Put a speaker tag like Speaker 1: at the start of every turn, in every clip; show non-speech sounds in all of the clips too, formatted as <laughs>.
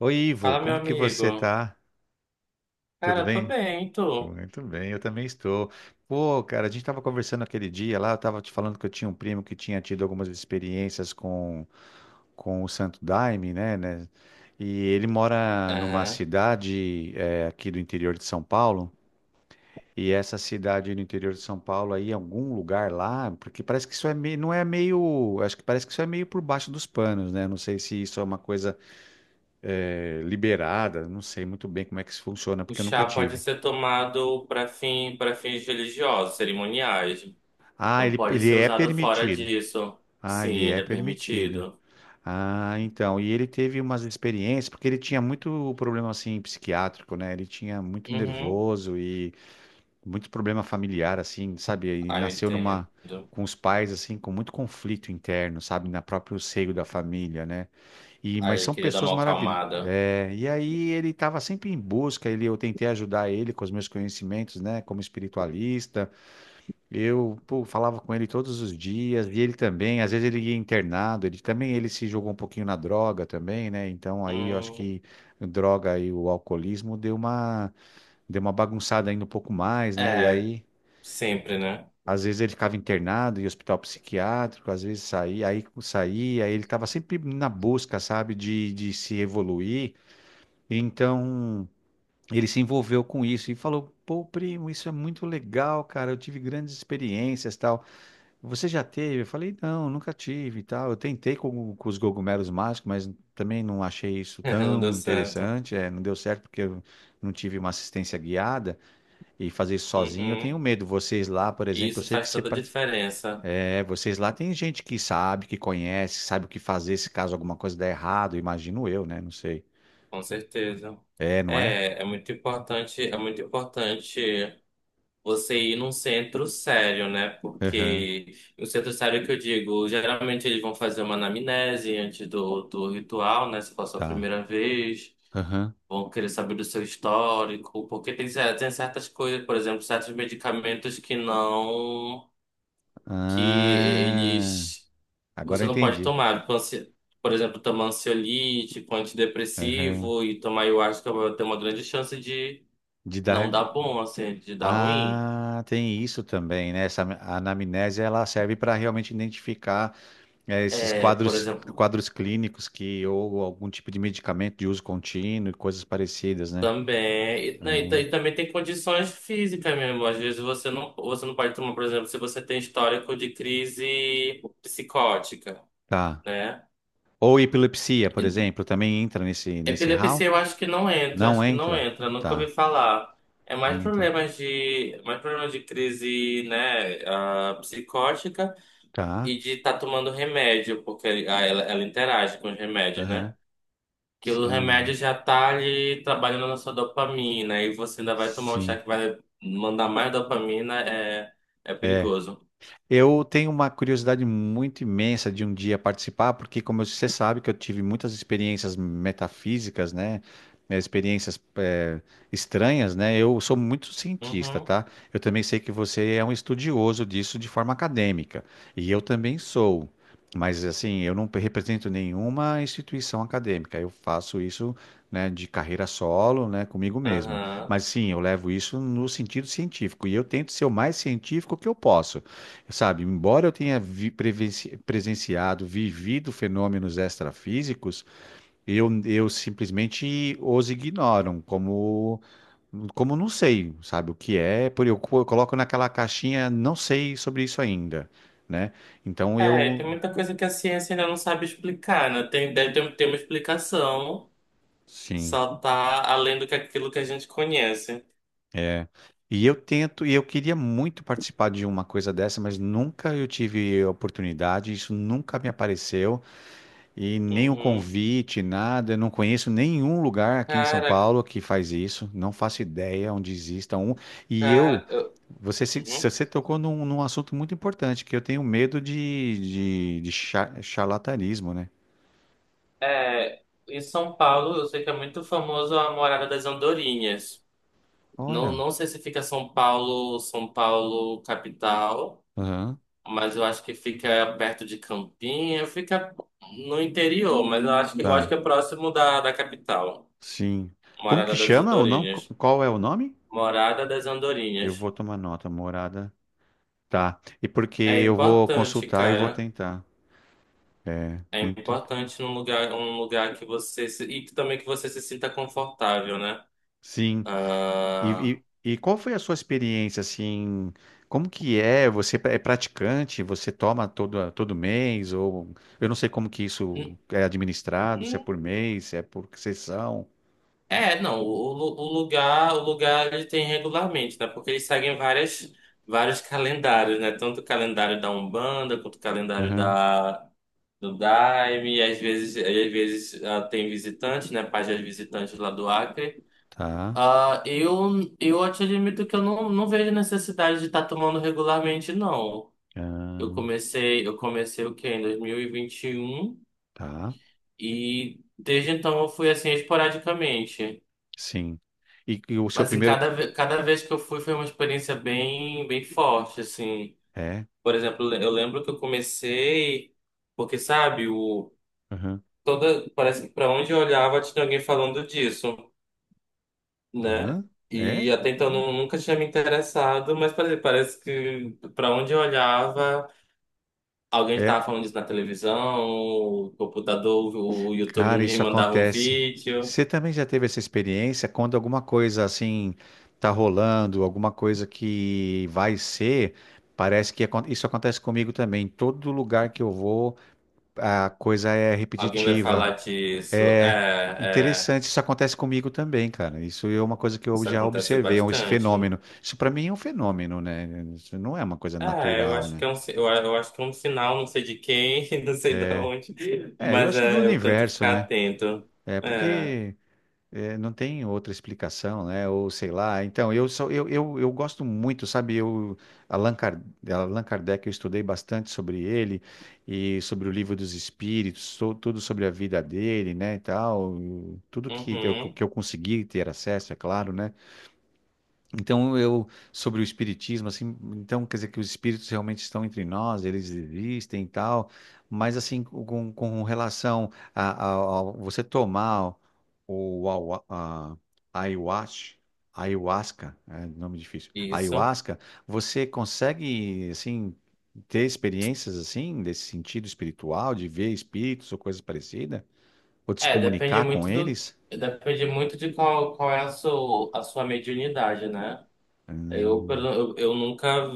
Speaker 1: Oi, Ivo,
Speaker 2: Fala, meu
Speaker 1: como que você
Speaker 2: amigo.
Speaker 1: tá? Tudo
Speaker 2: Cara, tô
Speaker 1: bem?
Speaker 2: bem, e tu?
Speaker 1: Muito bem, eu também estou. Pô, cara, a gente tava conversando aquele dia lá, eu tava te falando que eu tinha um primo que tinha tido algumas experiências com o Santo Daime, né? E ele mora numa
Speaker 2: Aham.
Speaker 1: cidade aqui do interior de São Paulo, e essa cidade no interior de São Paulo aí, algum lugar lá, porque parece que isso é meio, não é meio, acho que parece que isso é meio por baixo dos panos, né? Não sei se isso é uma coisa liberada, não sei muito bem como é que isso funciona,
Speaker 2: O
Speaker 1: porque eu nunca
Speaker 2: chá pode
Speaker 1: tive.
Speaker 2: ser tomado para fins religiosos, cerimoniais.
Speaker 1: Ah,
Speaker 2: Não
Speaker 1: ele,
Speaker 2: pode
Speaker 1: ele
Speaker 2: ser
Speaker 1: é
Speaker 2: usado fora
Speaker 1: permitido.
Speaker 2: disso.
Speaker 1: Ah,
Speaker 2: Sim,
Speaker 1: ele é
Speaker 2: ele é
Speaker 1: permitido.
Speaker 2: permitido.
Speaker 1: Ah, então, e ele teve umas experiências, porque ele tinha muito problema, assim, psiquiátrico, né? Ele tinha muito
Speaker 2: Uhum.
Speaker 1: nervoso e muito problema familiar, assim, sabe? Ele
Speaker 2: Ah, eu
Speaker 1: nasceu
Speaker 2: entendo.
Speaker 1: numa, com os pais, assim, com muito conflito interno, sabe? Na próprio seio da família, né? E, mas
Speaker 2: Aí eu
Speaker 1: são
Speaker 2: queria dar
Speaker 1: pessoas
Speaker 2: uma
Speaker 1: maravilhosas.
Speaker 2: acalmada.
Speaker 1: É, e aí ele estava sempre em busca, ele, eu tentei ajudar ele com os meus conhecimentos, né, como espiritualista. Eu, pô, falava com ele todos os dias, e ele também, às vezes ele ia internado, ele também, ele se jogou um pouquinho na droga também, né? Então aí eu acho
Speaker 2: Hum,
Speaker 1: que a droga e o alcoolismo deu uma bagunçada ainda um pouco mais, né? E
Speaker 2: é,
Speaker 1: aí,
Speaker 2: sempre, né?
Speaker 1: às vezes ele ficava internado em hospital psiquiátrico, às vezes saía, aí saía, ele estava sempre na busca, sabe, de se evoluir. Então, ele se envolveu com isso e falou: "Pô, primo, isso é muito legal, cara. Eu tive grandes experiências, tal. Você já teve?" Eu falei: "Não, nunca tive, e tal. Eu tentei com os cogumelos mágicos, mas também não achei isso
Speaker 2: <laughs> Não deu
Speaker 1: tão
Speaker 2: certo.
Speaker 1: interessante. É, não deu certo porque eu não tive uma assistência guiada e fazer isso sozinho, eu tenho
Speaker 2: Uhum.
Speaker 1: medo. Vocês lá, por
Speaker 2: E
Speaker 1: exemplo, eu
Speaker 2: isso
Speaker 1: sei
Speaker 2: faz
Speaker 1: que
Speaker 2: toda a diferença,
Speaker 1: vocês lá tem gente que sabe, que conhece, sabe o que fazer se caso alguma coisa der errado, imagino eu, né? Não sei.
Speaker 2: com certeza.
Speaker 1: É, não é?
Speaker 2: É muito importante, é muito importante você ir num centro sério, né?
Speaker 1: Aham.
Speaker 2: Porque o centro sério que eu digo, geralmente eles vão fazer uma anamnese antes do ritual, né? Se for a sua
Speaker 1: Tá.
Speaker 2: primeira vez,
Speaker 1: Aham.
Speaker 2: vão querer saber do seu histórico, porque tem certas coisas, por exemplo, certos medicamentos que não, que
Speaker 1: Ah,
Speaker 2: eles
Speaker 1: agora
Speaker 2: Você
Speaker 1: eu
Speaker 2: não pode
Speaker 1: entendi.
Speaker 2: tomar, tipo, por exemplo, tomar ansiolítico,
Speaker 1: Aham.
Speaker 2: antidepressivo e tomar ayahuasca vai ter uma grande chance de
Speaker 1: De
Speaker 2: não
Speaker 1: dar.
Speaker 2: dar bom, assim, de dar ruim.
Speaker 1: Ah, tem isso também, né? Essa anamnese ela serve para realmente identificar esses
Speaker 2: É, por
Speaker 1: quadros,
Speaker 2: exemplo,
Speaker 1: quadros clínicos que ou algum tipo de medicamento de uso contínuo e coisas parecidas, né?
Speaker 2: também. E, né,
Speaker 1: Hum,
Speaker 2: e também tem condições físicas mesmo. Às vezes você não pode tomar, por exemplo, se você tem histórico de crise psicótica,
Speaker 1: tá.
Speaker 2: né?
Speaker 1: Ou epilepsia, por exemplo, também entra nesse RAW?
Speaker 2: Epilepsia eu acho que não entra,
Speaker 1: Não
Speaker 2: acho que não
Speaker 1: entra?
Speaker 2: entra, nunca
Speaker 1: Tá.
Speaker 2: ouvi falar. É mais
Speaker 1: Não entra.
Speaker 2: mais problemas de crise, né, psicótica
Speaker 1: Tá.
Speaker 2: e de estar tomando remédio, porque ela interage com os remédios, né?
Speaker 1: Aham.
Speaker 2: Que
Speaker 1: S-
Speaker 2: o
Speaker 1: ah,
Speaker 2: remédio já tá ali trabalhando na sua dopamina e você ainda vai tomar um chá
Speaker 1: sim.
Speaker 2: que vai mandar mais dopamina, é
Speaker 1: É.
Speaker 2: perigoso.
Speaker 1: Eu tenho uma curiosidade muito imensa de um dia participar, porque, como você sabe, que eu tive muitas experiências metafísicas, né? Experiências, estranhas, né? Eu sou muito cientista,
Speaker 2: Uhum,
Speaker 1: tá? Eu também sei que você é um estudioso disso de forma acadêmica, e eu também sou. Mas, assim, eu não represento nenhuma instituição acadêmica. Eu faço isso, né, de carreira solo, né, comigo mesmo.
Speaker 2: aham.
Speaker 1: Mas, sim, eu levo isso no sentido científico, e eu tento ser o mais científico que eu posso. Sabe, embora eu tenha presenciado, vivido fenômenos extrafísicos, eu simplesmente os ignoram como não sei, sabe, o que é, por eu, eu coloco naquela caixinha, não sei sobre isso ainda, né? Então
Speaker 2: É, tem
Speaker 1: eu,
Speaker 2: muita coisa que a ciência ainda não sabe explicar, né? Deve ter uma explicação.
Speaker 1: sim,
Speaker 2: Só tá além do que aquilo que a gente conhece.
Speaker 1: é. E eu tento, e eu queria muito participar de uma coisa dessa, mas nunca eu tive oportunidade, isso nunca me apareceu. E nenhum
Speaker 2: Uhum.
Speaker 1: convite, nada. Eu não conheço nenhum lugar aqui em São
Speaker 2: Cara,
Speaker 1: Paulo que faz isso. Não faço ideia onde exista um. E eu,
Speaker 2: cara. eu-
Speaker 1: você,
Speaker 2: uhum.
Speaker 1: você tocou num assunto muito importante, que eu tenho medo de charlatanismo, né?
Speaker 2: É, em São Paulo, eu sei que é muito famoso a Morada das Andorinhas. Não,
Speaker 1: Olha.
Speaker 2: não sei se fica São Paulo, São Paulo capital,
Speaker 1: Aham,
Speaker 2: mas eu acho que fica perto de Campinha, fica no interior, mas eu acho que, eu acho
Speaker 1: tá.
Speaker 2: que é próximo da capital.
Speaker 1: Sim. Como
Speaker 2: Morada
Speaker 1: que
Speaker 2: das
Speaker 1: chama ou não?
Speaker 2: Andorinhas.
Speaker 1: Qual é o nome?
Speaker 2: Morada das
Speaker 1: Eu
Speaker 2: Andorinhas.
Speaker 1: vou tomar nota, morada. Tá. E porque
Speaker 2: É
Speaker 1: eu vou
Speaker 2: importante,
Speaker 1: consultar e vou
Speaker 2: cara.
Speaker 1: tentar. É,
Speaker 2: É
Speaker 1: muito.
Speaker 2: importante um lugar que você se, e que também que você se sinta confortável, né?
Speaker 1: Sim.
Speaker 2: Ah,
Speaker 1: E qual foi a sua experiência, assim, como que é? Você é praticante? Você toma todo mês? Ou eu não sei como que isso
Speaker 2: hum,
Speaker 1: é administrado, se é
Speaker 2: hum.
Speaker 1: por mês, se é por sessão.
Speaker 2: É, não, o lugar ele tem regularmente, né? Porque eles seguem vários calendários, né? Tanto o calendário da Umbanda quanto o calendário
Speaker 1: Aham,
Speaker 2: da do Daime, e às vezes, tem visitantes, né? Páginas visitantes lá do Acre.
Speaker 1: tá.
Speaker 2: Ah, eu te admito que eu não vejo necessidade de estar tomando regularmente, não. Eu
Speaker 1: Ah,
Speaker 2: comecei, eu comecei o quê? Em 2021 e vinte e um
Speaker 1: tá.
Speaker 2: e desde então eu fui assim esporadicamente.
Speaker 1: Sim. E o seu
Speaker 2: Mas em
Speaker 1: primeiro...
Speaker 2: cada vez que eu fui foi uma experiência bem, bem forte, assim.
Speaker 1: É.
Speaker 2: Por exemplo, eu lembro que eu comecei porque, sabe, o
Speaker 1: Aham.
Speaker 2: toda parece que para onde eu olhava tinha alguém falando disso, né?
Speaker 1: Aham.
Speaker 2: E
Speaker 1: É?
Speaker 2: até então eu
Speaker 1: Olha.
Speaker 2: nunca tinha me interessado, mas parece que para onde eu olhava alguém estava
Speaker 1: É,
Speaker 2: falando disso na televisão, o computador, o YouTube
Speaker 1: cara,
Speaker 2: me
Speaker 1: isso
Speaker 2: mandava um
Speaker 1: acontece.
Speaker 2: vídeo.
Speaker 1: Você também já teve essa experiência quando alguma coisa assim tá rolando, alguma coisa que vai ser, parece que isso acontece comigo também. Todo lugar que eu vou, a coisa é
Speaker 2: Alguém vai
Speaker 1: repetitiva.
Speaker 2: falar disso.
Speaker 1: É
Speaker 2: É,
Speaker 1: interessante, isso acontece comigo também, cara. Isso é uma coisa que eu
Speaker 2: isso
Speaker 1: já
Speaker 2: acontece
Speaker 1: observei, esse
Speaker 2: bastante.
Speaker 1: fenômeno. Isso pra mim é um fenômeno, né? Isso não é uma coisa
Speaker 2: É,
Speaker 1: natural, né?
Speaker 2: eu acho que é um sinal, não sei de quem, <laughs> não sei de onde,
Speaker 1: É, eu
Speaker 2: mas
Speaker 1: acho que do
Speaker 2: é, eu tento
Speaker 1: universo,
Speaker 2: ficar
Speaker 1: né?
Speaker 2: atento.
Speaker 1: É
Speaker 2: É,
Speaker 1: porque É, não tem outra explicação, né? Ou sei lá. Então, eu gosto muito, sabe? Allan Kardec, eu estudei bastante sobre ele e sobre o Livro dos Espíritos, tudo sobre a vida dele, né, e tal, tudo que eu,
Speaker 2: uhum,
Speaker 1: que eu consegui ter acesso, é claro, né? Então, eu, sobre o espiritismo, assim, então quer dizer que os espíritos realmente estão entre nós, eles existem e tal, mas assim, com relação você tomar o, awa- a, ayahuasca, ayahuasca, é nome difícil,
Speaker 2: isso.
Speaker 1: ayahuasca, você consegue, assim, ter experiências, assim, desse sentido espiritual, de ver espíritos ou coisa parecida, ou de se
Speaker 2: É, depende
Speaker 1: comunicar com
Speaker 2: muito do,
Speaker 1: eles?
Speaker 2: depende muito de qual é a sua mediunidade, né? Eu,
Speaker 1: Hum,
Speaker 2: pelo- eu, eu nunca.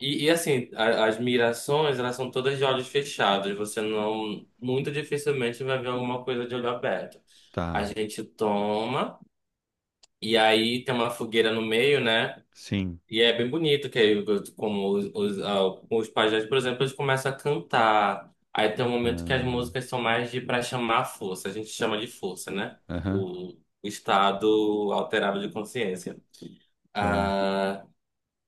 Speaker 2: E, assim, as migrações, elas são todas de olhos fechados. Você não, muito dificilmente vai ver alguma coisa de olho aberto. A
Speaker 1: tá,
Speaker 2: gente toma, e aí tem uma fogueira no meio, né?
Speaker 1: sim,
Speaker 2: E é bem bonito, que aí, como os pajés, por exemplo, eles começam a cantar. Aí tem um momento que as
Speaker 1: hum,
Speaker 2: músicas são mais de para chamar a força. A gente chama de força, né?
Speaker 1: aham.
Speaker 2: O, o estado alterado de consciência.
Speaker 1: Tá.
Speaker 2: Ah,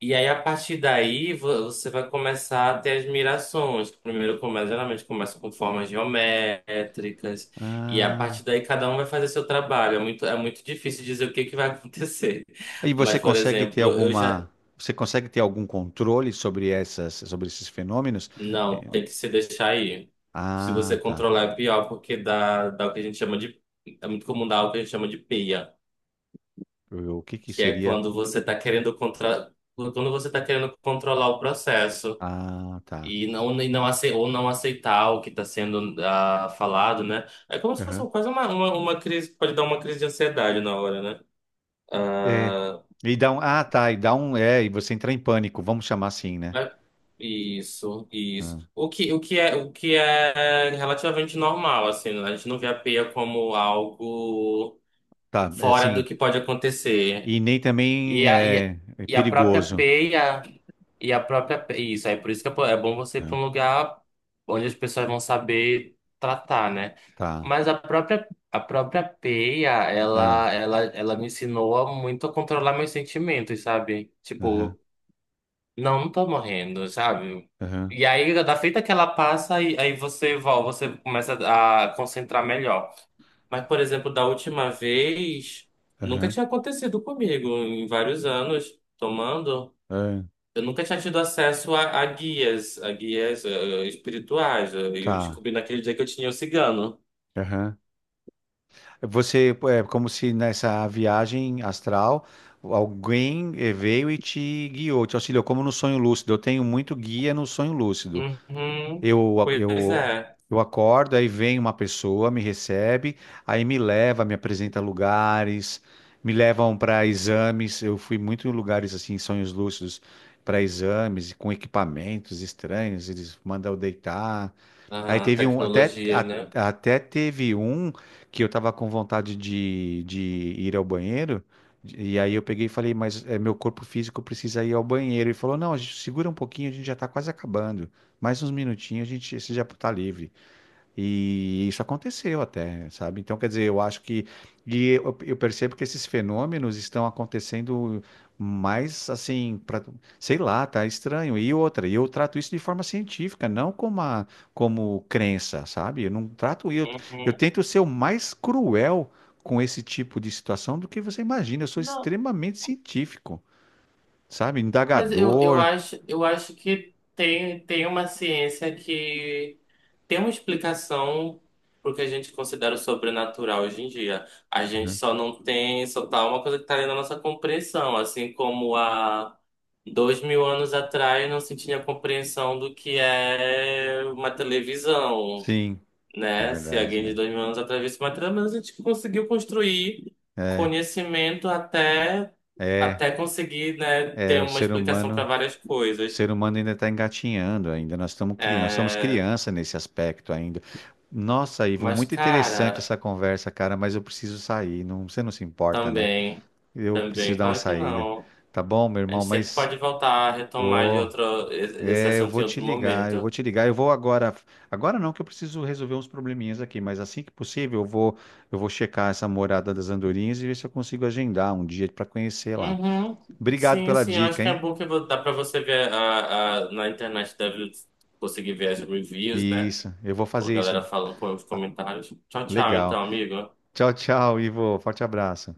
Speaker 2: e aí, a partir daí, você vai começar a ter admirações. Primeiro começa, geralmente começa com formas geométricas, e a
Speaker 1: Ah.
Speaker 2: partir daí cada um vai fazer seu trabalho. É muito difícil dizer o que que vai <laughs> acontecer.
Speaker 1: E você
Speaker 2: Mas, por
Speaker 1: consegue
Speaker 2: exemplo, eu já.
Speaker 1: ter algum controle sobre sobre esses fenômenos?
Speaker 2: Não,
Speaker 1: Eh,
Speaker 2: tem que se deixar aí. Se
Speaker 1: Ah,
Speaker 2: você
Speaker 1: tá.
Speaker 2: controlar é pior, porque dá o que a gente chama de. É muito comum dar o que a gente chama de peia,
Speaker 1: O que que
Speaker 2: que é
Speaker 1: seria?
Speaker 2: quando você está querendo quando você tá querendo controlar o processo.
Speaker 1: Ah, tá.
Speaker 2: Ou não aceitar o que está sendo falado, né? É como se fosse
Speaker 1: Aham.
Speaker 2: quase uma crise, pode dar uma crise de ansiedade na hora, né?
Speaker 1: É.
Speaker 2: Ah,
Speaker 1: E dá um, ah, tá. E dá um, é. E você entra em pânico. Vamos chamar assim, né?
Speaker 2: é- isso, isso.
Speaker 1: Ah,
Speaker 2: O que é relativamente normal, assim, né? A gente não vê a peia como algo
Speaker 1: tá. É
Speaker 2: fora do
Speaker 1: assim.
Speaker 2: que pode acontecer.
Speaker 1: E nem
Speaker 2: E
Speaker 1: também
Speaker 2: a, e, a-
Speaker 1: é
Speaker 2: e a própria
Speaker 1: perigoso.
Speaker 2: peia. Isso, aí por isso que é bom você ir
Speaker 1: Ah,
Speaker 2: para um lugar onde as pessoas vão saber tratar, né?
Speaker 1: tá.
Speaker 2: Mas a própria peia,
Speaker 1: Ah,
Speaker 2: ela me ensinou a muito a controlar meus sentimentos, sabe?
Speaker 1: aham.
Speaker 2: Tipo, não tô morrendo, sabe?
Speaker 1: Aham.
Speaker 2: E aí, da feita que ela passa, aí você começa a concentrar melhor. Mas, por exemplo, da última vez, nunca
Speaker 1: Aham.
Speaker 2: tinha acontecido comigo em vários anos tomando.
Speaker 1: Aham.
Speaker 2: Eu nunca tinha tido acesso a guias espirituais. Eu
Speaker 1: Tá.
Speaker 2: descobri naquele dia que eu tinha o cigano.
Speaker 1: Aham. Você, é como se nessa viagem astral, alguém veio e te guiou, te auxiliou, como no sonho lúcido. Eu tenho muito guia no sonho lúcido.
Speaker 2: Uhum.
Speaker 1: Eu,
Speaker 2: Pois
Speaker 1: eu,
Speaker 2: é.
Speaker 1: eu acordo, aí vem uma pessoa, me recebe, aí me leva, me apresenta lugares, me levam para exames. Eu fui muito em lugares assim, em sonhos lúcidos, para exames, com equipamentos estranhos. Eles mandam eu deitar. Aí
Speaker 2: Ah,
Speaker 1: teve um, até,
Speaker 2: tecnologias, né?
Speaker 1: até teve um que eu tava com vontade de ir ao banheiro, e aí eu peguei e falei, mas é, meu corpo físico precisa ir ao banheiro. E falou, não, a gente segura um pouquinho, a gente já tá quase acabando. Mais uns minutinhos, a gente, você já tá livre. E isso aconteceu até, sabe? Então, quer dizer, eu acho que. E eu percebo que esses fenômenos estão acontecendo mais assim, pra, sei lá, tá estranho. E outra, e eu trato isso de forma científica, não como crença, sabe? Eu não trato. Eu
Speaker 2: Uhum.
Speaker 1: tento ser o mais cruel com esse tipo de situação do que você imagina. Eu sou
Speaker 2: Não.
Speaker 1: extremamente científico, sabe?
Speaker 2: Mas eu, eu
Speaker 1: Indagador.
Speaker 2: acho, eu acho que tem uma ciência que tem uma explicação pro que a gente considera o sobrenatural hoje em dia. A gente
Speaker 1: Uhum.
Speaker 2: só não tem, só tá uma coisa que tá ali na nossa compreensão, assim como há 2.000 anos atrás não se tinha compreensão do que é uma televisão,
Speaker 1: Sim, é
Speaker 2: né? Se
Speaker 1: verdade.
Speaker 2: alguém de 2.000 anos atrás visse uma trama, mas a gente conseguiu construir
Speaker 1: É,
Speaker 2: conhecimento até,
Speaker 1: é, é
Speaker 2: até conseguir, né,
Speaker 1: é
Speaker 2: ter
Speaker 1: o
Speaker 2: uma
Speaker 1: ser
Speaker 2: explicação para
Speaker 1: humano.
Speaker 2: várias
Speaker 1: O
Speaker 2: coisas.
Speaker 1: ser humano ainda está engatinhando, ainda nós estamos cri... nós somos
Speaker 2: É,
Speaker 1: criança nesse aspecto ainda. Nossa, Ivo,
Speaker 2: mas,
Speaker 1: muito interessante
Speaker 2: cara,
Speaker 1: essa conversa, cara, mas eu preciso sair. Não, você não se importa, né?
Speaker 2: também,
Speaker 1: Eu preciso
Speaker 2: também,
Speaker 1: dar uma
Speaker 2: claro que
Speaker 1: saída.
Speaker 2: não.
Speaker 1: Tá bom, meu
Speaker 2: A
Speaker 1: irmão,
Speaker 2: gente sempre
Speaker 1: mas
Speaker 2: pode voltar a retomar
Speaker 1: ô,
Speaker 2: esse
Speaker 1: eu
Speaker 2: assunto
Speaker 1: vou
Speaker 2: em
Speaker 1: te
Speaker 2: outro
Speaker 1: ligar, eu vou
Speaker 2: momento.
Speaker 1: te ligar. Eu vou agora. Agora não, que eu preciso resolver uns probleminhas aqui, mas assim que possível, eu vou checar essa Morada das Andorinhas e ver se eu consigo agendar um dia para conhecer lá.
Speaker 2: Uhum.
Speaker 1: Obrigado
Speaker 2: Sim,
Speaker 1: pela
Speaker 2: sim, eu acho
Speaker 1: dica,
Speaker 2: que é
Speaker 1: hein?
Speaker 2: bom que dá para você ver na internet, deve conseguir ver as reviews, né?
Speaker 1: Isso, eu vou
Speaker 2: Pô, a
Speaker 1: fazer isso.
Speaker 2: galera falando com os comentários. Tchau, tchau,
Speaker 1: Legal.
Speaker 2: então, amigo.
Speaker 1: Tchau, tchau, Ivo. Forte abraço.